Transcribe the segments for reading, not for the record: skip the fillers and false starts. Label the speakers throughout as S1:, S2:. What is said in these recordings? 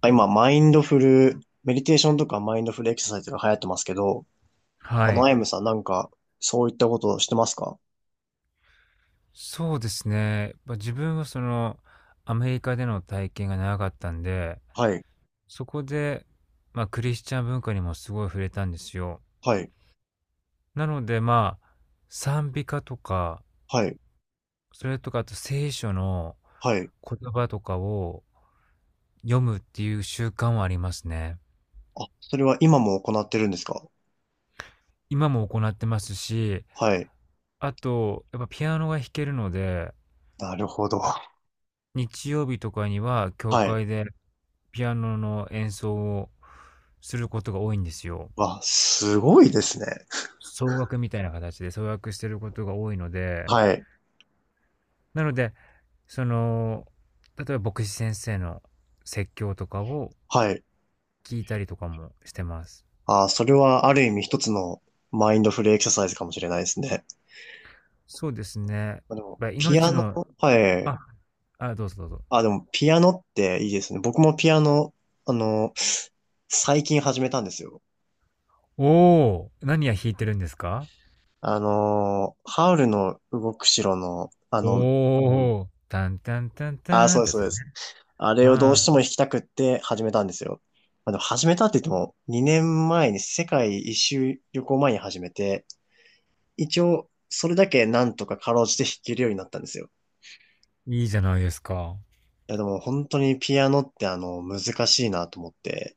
S1: 今、マインドフル、メディテーションとかマインドフルエクササイズが流行ってますけど、
S2: はい。
S1: アイムさんなんか、そういったことをしてますか？
S2: そうですね。自分はアメリカでの体験が長かったんで、
S1: はい、
S2: そこで、まあ、クリスチャン文化にもすごい触れたんですよ。
S1: はい、
S2: なので、まあ、賛美歌とか、
S1: はい、
S2: それとかあと聖書の
S1: はい。
S2: 言葉とかを読むっていう習慣はありますね。
S1: あ、それは今も行ってるんですか？
S2: 今も行ってますし、
S1: はい。
S2: あと、やっぱピアノが弾けるので
S1: なるほど。
S2: 日曜日とかには教
S1: はい。
S2: 会でピアノの演奏をすることが多いんですよ。
S1: わ、すごいですね。
S2: 奏楽みたいな形で奏楽してることが多いので、
S1: はい、
S2: なので、その、例えば牧師先生の説教とかを
S1: はい。
S2: 聞いたりとかもしてます。
S1: あ、それはある意味一つのマインドフルエクササイズかもしれないですね。
S2: そうですね。
S1: まあでも、
S2: ま、
S1: ピ
S2: 命
S1: アノ、
S2: の
S1: はい。
S2: あ、どうぞどうぞ。
S1: あ、でも、ピアノっていいですね。僕もピアノ、あの、最近始めたんですよ。
S2: お、お、何や弾いてるんですか？
S1: ハウルの動く城の、
S2: おおー、タンタンタン
S1: あー、
S2: タン
S1: そう
S2: っ
S1: で
S2: て
S1: す、
S2: やつ
S1: そう
S2: で
S1: で
S2: すね。
S1: す。あれをどう
S2: あ
S1: し
S2: あ、
S1: ても弾きたくって始めたんですよ。まあ、でも始めたって言っても、2年前に世界一周旅行前に始めて、一応、それだけなんとかかろうじて弾けるようになったんですよ。
S2: いいじゃないですか。
S1: いや、でも本当にピアノって難しいなと思って。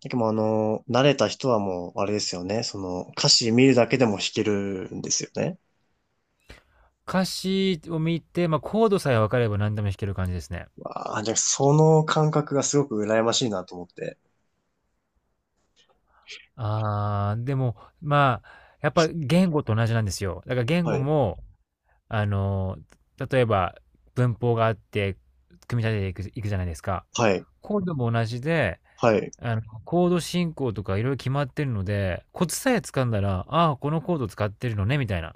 S1: でも慣れた人はもう、あれですよね。歌詞見るだけでも弾けるんですよね。
S2: 歌詞を見て、まあ、コードさえ分かれば何でも弾ける感じですね。
S1: わあ、じゃあその感覚がすごく羨ましいなと思って。
S2: ああ、でも、まあ、やっぱ言語と同じなんですよ。だから言
S1: は
S2: 語
S1: い。
S2: も、あの、例えば文法があって、組み立てていくじゃないですか。
S1: はい。
S2: コードも同じで、
S1: はい。
S2: コード進行とかいろいろ決まってるので、コツさえ掴んだら、ああ、このコード使ってるのね、みたいな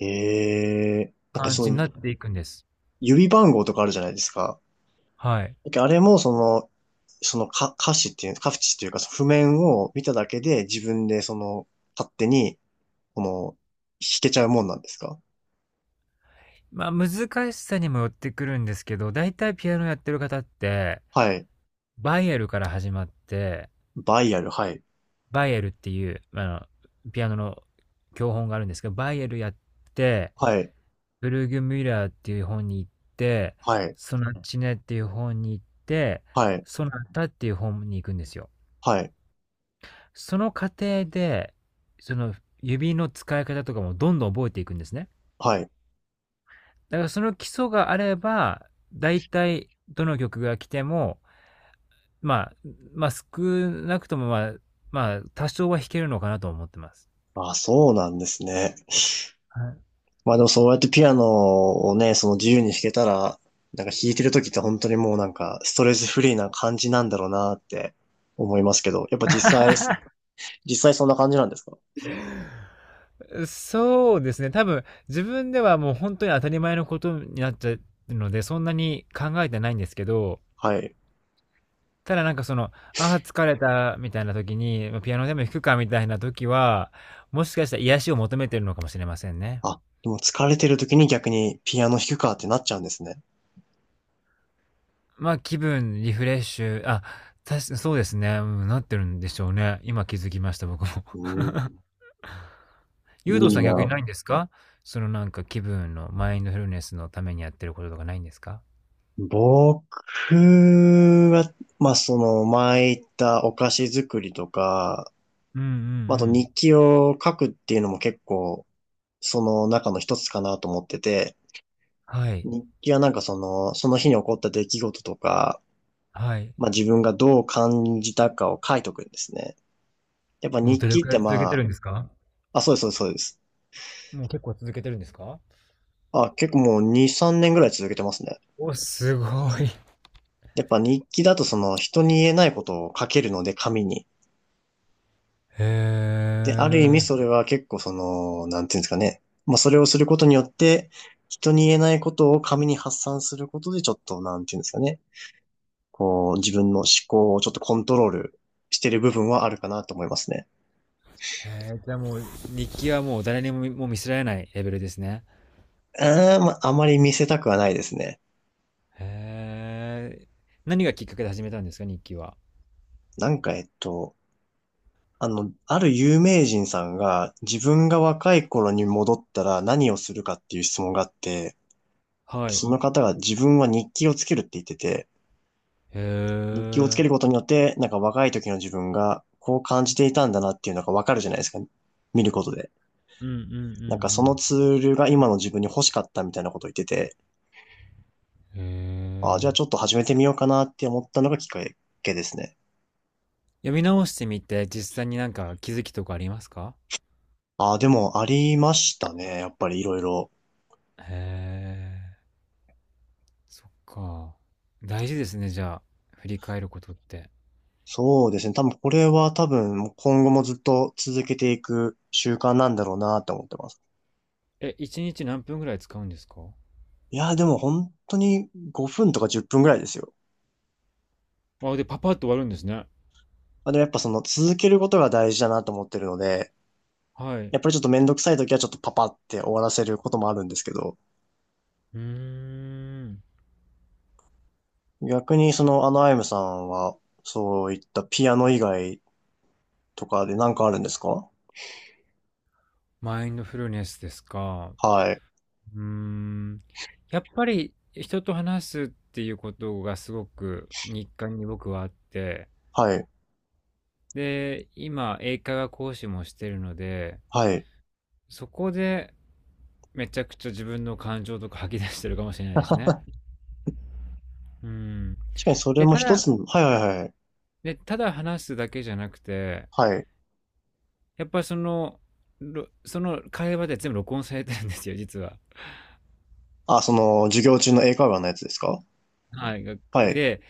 S1: なんか
S2: 感
S1: そ
S2: じに
S1: の
S2: なっていくんです。
S1: 指番号とかあるじゃないですか。
S2: はい。
S1: なんかあれもその、そのか歌詞っていう、歌詞っていうか、その譜面を見ただけで自分で勝手に、この、弾けちゃうもんなんですか？
S2: まあ、難しさにもよってくるんですけど、だいたいピアノやってる方って、
S1: はい。
S2: バイエルから始まって、
S1: バイアル、はい。
S2: バイエルっていう、ピアノの教本があるんですけど、バイエルやって、
S1: はい。
S2: ブルーグ・ミュラーっていう本に行って、
S1: はい。
S2: ソナチネっていう本に行って、
S1: はい。
S2: ソナタっていう本に行くんですよ。
S1: はい。
S2: その過程で、その指の使い方とかもどんどん覚えていくんですね。
S1: はい。
S2: だからその基礎があれば、大体どの曲が来ても、まあ、少なくともまあ、多少は弾けるのかなと思ってます。
S1: あ、そうなんですね。
S2: はい。
S1: まあでもそうやってピアノをね、自由に弾けたら、なんか弾いてる時って本当にもうなんかストレスフリーな感じなんだろうなって思いますけど、やっぱ実際そんな感じなんですか？
S2: そうですね。多分、自分ではもう本当に当たり前のことになっちゃうので、そんなに考えてないんですけど、
S1: はい。
S2: ただああ、疲れたみたいな時に、ま、ピアノでも弾くかみたいな時は、もしかしたら癒しを求めてるのかもしれませんね。
S1: あ、でも疲れてる時に逆にピアノ弾くかってなっちゃうんですね。
S2: ま、あ気分、リフレッシュ、あ、たしそうですね、うん、なってるんでしょうね。今気づきました、僕も。
S1: うん、
S2: ユウ
S1: い
S2: とさ
S1: い
S2: ん逆に
S1: な。
S2: ないんですか？そのなんか気分のマインドフルネスのためにやってることとかないんですか？
S1: 僕は、まあその前言ったお菓子作りとか、
S2: うんうんう
S1: まあと
S2: ん。
S1: 日記を書くっていうのも結構その中の一つかなと思ってて、
S2: はい、
S1: 日記はなんかその日に起こった出来事とか、
S2: はい。
S1: まあ自分がどう感じたかを書いとくんですね。やっぱ
S2: もう
S1: 日
S2: どれ
S1: 記っ
S2: くらい
S1: て
S2: 続け
S1: ま
S2: て
S1: あ、
S2: るんですか？
S1: あ、そうです、そうです、そうです。
S2: もう結構続けてるんですか？
S1: あ、結構もう2、3年ぐらい続けてますね。
S2: お、すごい。
S1: やっぱ日記だとその人に言えないことを書けるので紙に。
S2: へ
S1: で、ある意味
S2: え。
S1: それは結構なんていうんですかね。まあそれをすることによって、人に言えないことを紙に発散することでちょっと、なんていうんですかね。自分の思考をちょっとコントロールしてる部分はあるかなと思いますね。
S2: へえ、じゃあもう日記はもう誰にも見せられないレベルですね。
S1: うーん、まあ、あまり見せたくはないですね。
S2: へえ。何がきっかけで始めたんですか？日記は。
S1: なんか、ある有名人さんが自分が若い頃に戻ったら何をするかっていう質問があって、
S2: は
S1: で、
S2: い。へ
S1: その方が自分は日記をつけるって言ってて、
S2: え。う
S1: 日記をつける
S2: ん
S1: ことによって、なんか若い時の自分がこう感じていたんだなっていうのがわかるじゃないですか。見ることで。
S2: うんう
S1: なんかその
S2: ん
S1: ツールが今の自分に欲しかったみたいなことを言ってて、
S2: うん。へ
S1: ああ、じゃあちょっ
S2: え。
S1: と始めてみようかなって思ったのがきっかけですね。
S2: 読み直してみて、実際になんか気づきとかありますか？
S1: ああ、でもありましたね。やっぱりいろいろ。
S2: へえ、そっか。大事ですね、じゃあ、振り返ることって。
S1: そうですね。多分これは多分今後もずっと続けていく習慣なんだろうなと思ってます。
S2: え、1日何分ぐらい使うんですか？
S1: いやー、でも本当に5分とか10分ぐらいですよ。
S2: あ、で、パパッと終わるんですね。
S1: まあ、でもやっぱ続けることが大事だなと思ってるので、
S2: はい。
S1: やっぱりちょっとめんどくさい時はちょっとパパって終わらせることもあるんですけど、
S2: うーん。
S1: 逆にアイムさんはそういったピアノ以外とかで何かあるんですか？
S2: マインドフルネスですか。
S1: はい。
S2: うーん。やっぱり人と話すっていうことがすごく日課に僕はあって、
S1: はい。
S2: で、今、英会話講師もしてるので、
S1: はい。
S2: そこでめちゃくちゃ自分の感情とか吐き出してるかもしれないですね。うん。
S1: 確かにそれ
S2: で、
S1: も
S2: た
S1: 一
S2: だ、
S1: つの、はいはいはい。
S2: で、ただ話すだけじゃなくて、
S1: はい。
S2: やっぱりその会話で全部録音されてるんですよ、実は。
S1: あ、その授業中の英会話のやつですか？
S2: はい。
S1: はい。
S2: で、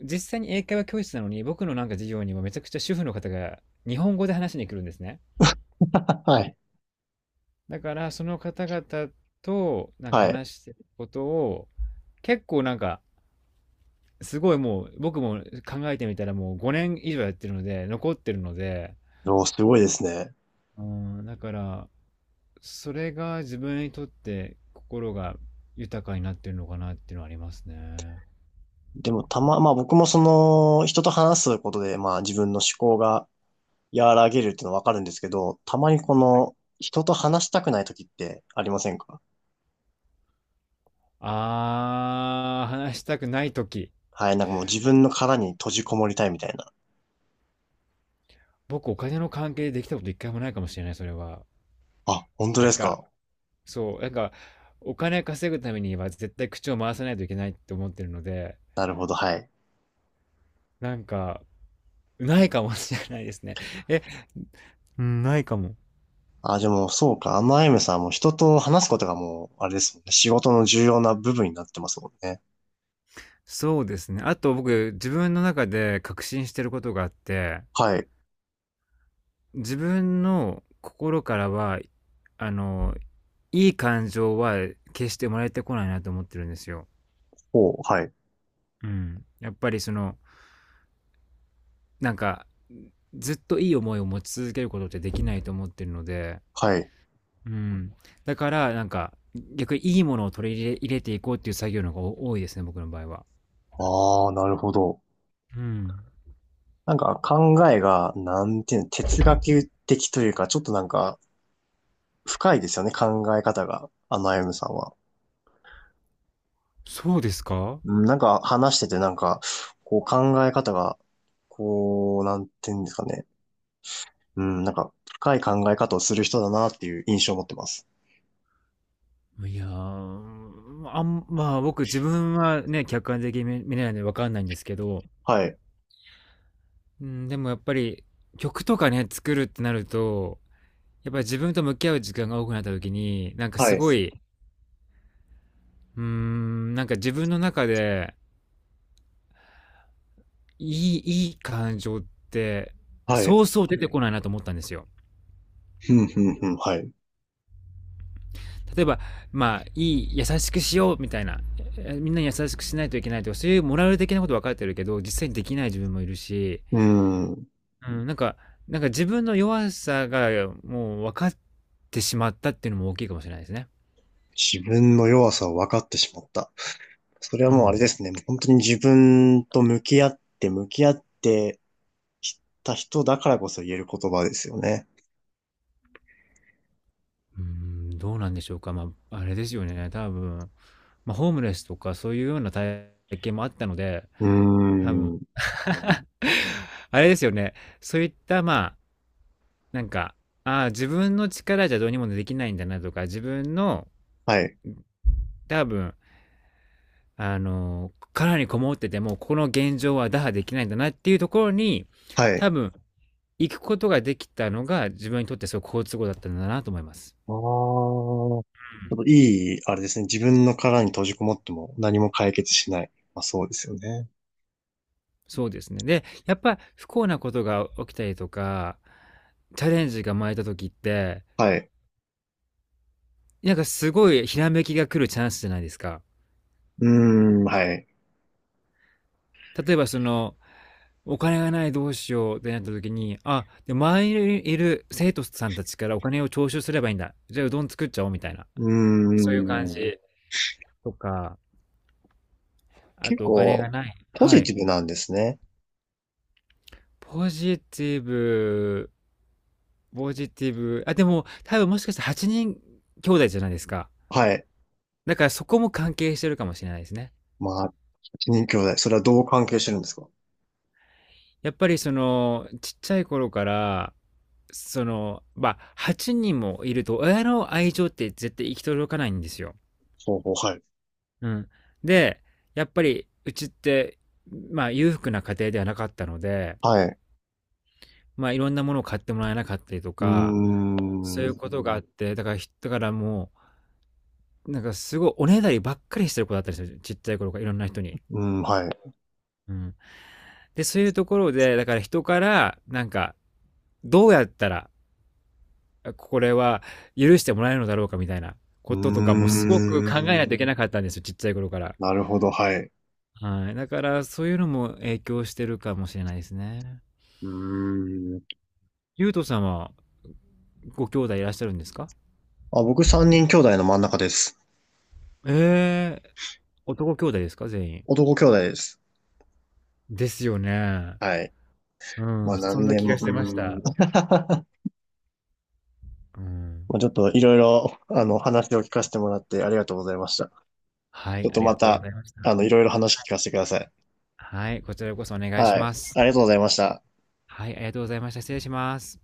S2: 実際に英会話教室なのに、僕のなんか授業にもめちゃくちゃ主婦の方が日本語で話しに来るんですね。
S1: はい。
S2: だから、その方々となんか
S1: はい。
S2: 話してることを、結構なんか、すごいもう、僕も考えてみたらもう5年以上やってるので、残ってるので、
S1: おーすごいですね。
S2: うん、だから、それが自分にとって心が豊かになってるのかなっていうのはありますね。
S1: でもまあ僕も人と話すことで、まあ自分の思考が和らげるっていうのはわかるんですけど、たまに人と話したくない時ってありませんか？
S2: あー、話したくない時。
S1: はい。なんかもう自分の殻に閉じこもりたいみたいな。
S2: 僕、お金の関係でできたこと一回もないかもしれない、それは。
S1: あ、本当
S2: な
S1: で
S2: ん
S1: す
S2: か、
S1: か？
S2: そう、なんか、お金稼ぐためには絶対口を回さないといけないって思ってるので、
S1: なるほど、はい。
S2: なんか、ないかもしれないですね。え、うん、ないかも。
S1: あ、でもそうか。アマエムさんはもう人と話すことがもう、あれですもんね。仕事の重要な部分になってますもんね。
S2: そうですね。あと僕、自分の中で確信してることがあって、
S1: はい。
S2: 自分の心からは、あの、いい感情は決して生まれてこないなと思ってるんですよ。
S1: ほう、はい。
S2: うん。やっぱりなんかずっといい思いを持ち続けることってできないと思ってるので、
S1: はい。
S2: うん、だからなんか逆にいいものを取り入れていこうっていう作業の方が多いですね僕の場合は。
S1: ああ、なるほど。
S2: うん、
S1: なんか考えが、なんていうの、哲学的というか、ちょっとなんか深いですよね、考え方が、あゆむさんは。
S2: そうですか。
S1: うんなんか話しててなんか、こう考え方が、なんていうんですかね。うん、なんか深い考え方をする人だなっていう印象を持ってます。
S2: いやー、僕自分はね客観的に見れないので分かんないんですけど、
S1: はい。
S2: うん、でもやっぱり曲とかね作るってなるとやっぱり自分と向き合う時間が多くなった時になんか
S1: は
S2: す
S1: い。
S2: ごい。うーん、なんか自分の中でいい、いい感情って、
S1: はい。
S2: そうそう出てこないなと思ったんですよ。
S1: ふんふんふん、はい。
S2: 例えば、まあ、いい、優しくしようみたいな、えみんなに優しくしないといけないとか、そういうモラル的なこと分かってるけど、実際にできない自分もいるし、
S1: うん。
S2: うん、なんか自分の弱さがもう分かってしまったっていうのも大きいかもしれないですね。
S1: 自分の弱さを分かってしまった。それは
S2: う
S1: もうあれ
S2: ん。
S1: ですね。もう本当に自分と向き合って、向き合って、知った人だからこそ言える言葉ですよね。
S2: うん、どうなんでしょうか。まあ、あれですよね。多分、まあ、ホームレスとかそういうような体験もあったので、
S1: うー
S2: 多分、
S1: ん。
S2: あれですよね。そういった、まあ、なんか、ああ、自分の力じゃどうにもできないんだなとか、自分の、
S1: はい。
S2: 多分、殻にこもってても、この現状は打破できないんだなっていうところに、
S1: はい。
S2: 多分、行くことができたのが、自分にとってすごく好都合だったんだなと思います。
S1: ああ。ちょっといい、あれですね。自分の殻に閉じこもっても何も解決しない。まあそうですよね。
S2: そうですね。で、やっぱ不幸なことが起きたりとか、チャレンジが生まれた時って、
S1: はい。
S2: なんかすごいひらめきが来るチャンスじゃないですか。
S1: うーん、はい。
S2: 例えばお金がないどうしようってなった時に、あ、で、周りにいる生徒さんたちからお金を徴収すればいいんだ。じゃあうどん作っちゃおうみたいな。
S1: うー
S2: そういう感
S1: ん。
S2: じとか、あ
S1: 結
S2: とお金が
S1: 構、
S2: ない。
S1: ポ
S2: は
S1: ジ
S2: い。
S1: ティブなんですね。
S2: ポジティブ、ポジティブ。あ、でも多分もしかして8人兄弟じゃないですか。
S1: はい。
S2: だからそこも関係してるかもしれないですね。
S1: まあ、8人兄弟。それはどう関係してるんですか？
S2: やっぱりそのちっちゃい頃からまあ8人もいると親の愛情って絶対行き届かないんですよ。
S1: ほうほう、はい。
S2: うん、でやっぱりうちってまあ裕福な家庭ではなかったので
S1: はい。
S2: まあいろんなものを買ってもらえなかったりと
S1: うー
S2: かそういう
S1: ん。
S2: ことがあってだからもうなんかすごいおねだりばっかりしてる子だったりするちっちゃい頃からいろんな人に。
S1: うん、はい。
S2: うん、でそういうところでだから人からなんかどうやったらこれは許してもらえるのだろうかみたいな
S1: う
S2: こととか
S1: ー
S2: もすごく
S1: ん。
S2: 考えないといけなかったんですよ、ちっちゃい頃から。
S1: なるほど、はい。う
S2: はい。だからそういうのも影響してるかもしれないですね。
S1: ーん。
S2: ゆうとさんはご兄弟いらっしゃるんですか？
S1: あ、僕三人兄弟の真ん中です。
S2: ええー、男兄弟ですか全員。
S1: 男兄弟です。
S2: ですよね。
S1: はい。
S2: う
S1: まあ
S2: ん、そん
S1: 何
S2: な
S1: 年、
S2: 気
S1: う
S2: がしてました。
S1: ーん。
S2: うん。
S1: まあちょっといろいろ、話を聞かせてもらってありがとうございました。
S2: は
S1: ちょ
S2: い、
S1: っ
S2: あ
S1: と
S2: り
S1: ま
S2: がとうご
S1: た、
S2: ざいました。
S1: いろいろ話聞かせてください。
S2: はい、こちらこそお願いし
S1: はい。
S2: ます。
S1: ありがとうございました。
S2: はい、ありがとうございました。失礼します。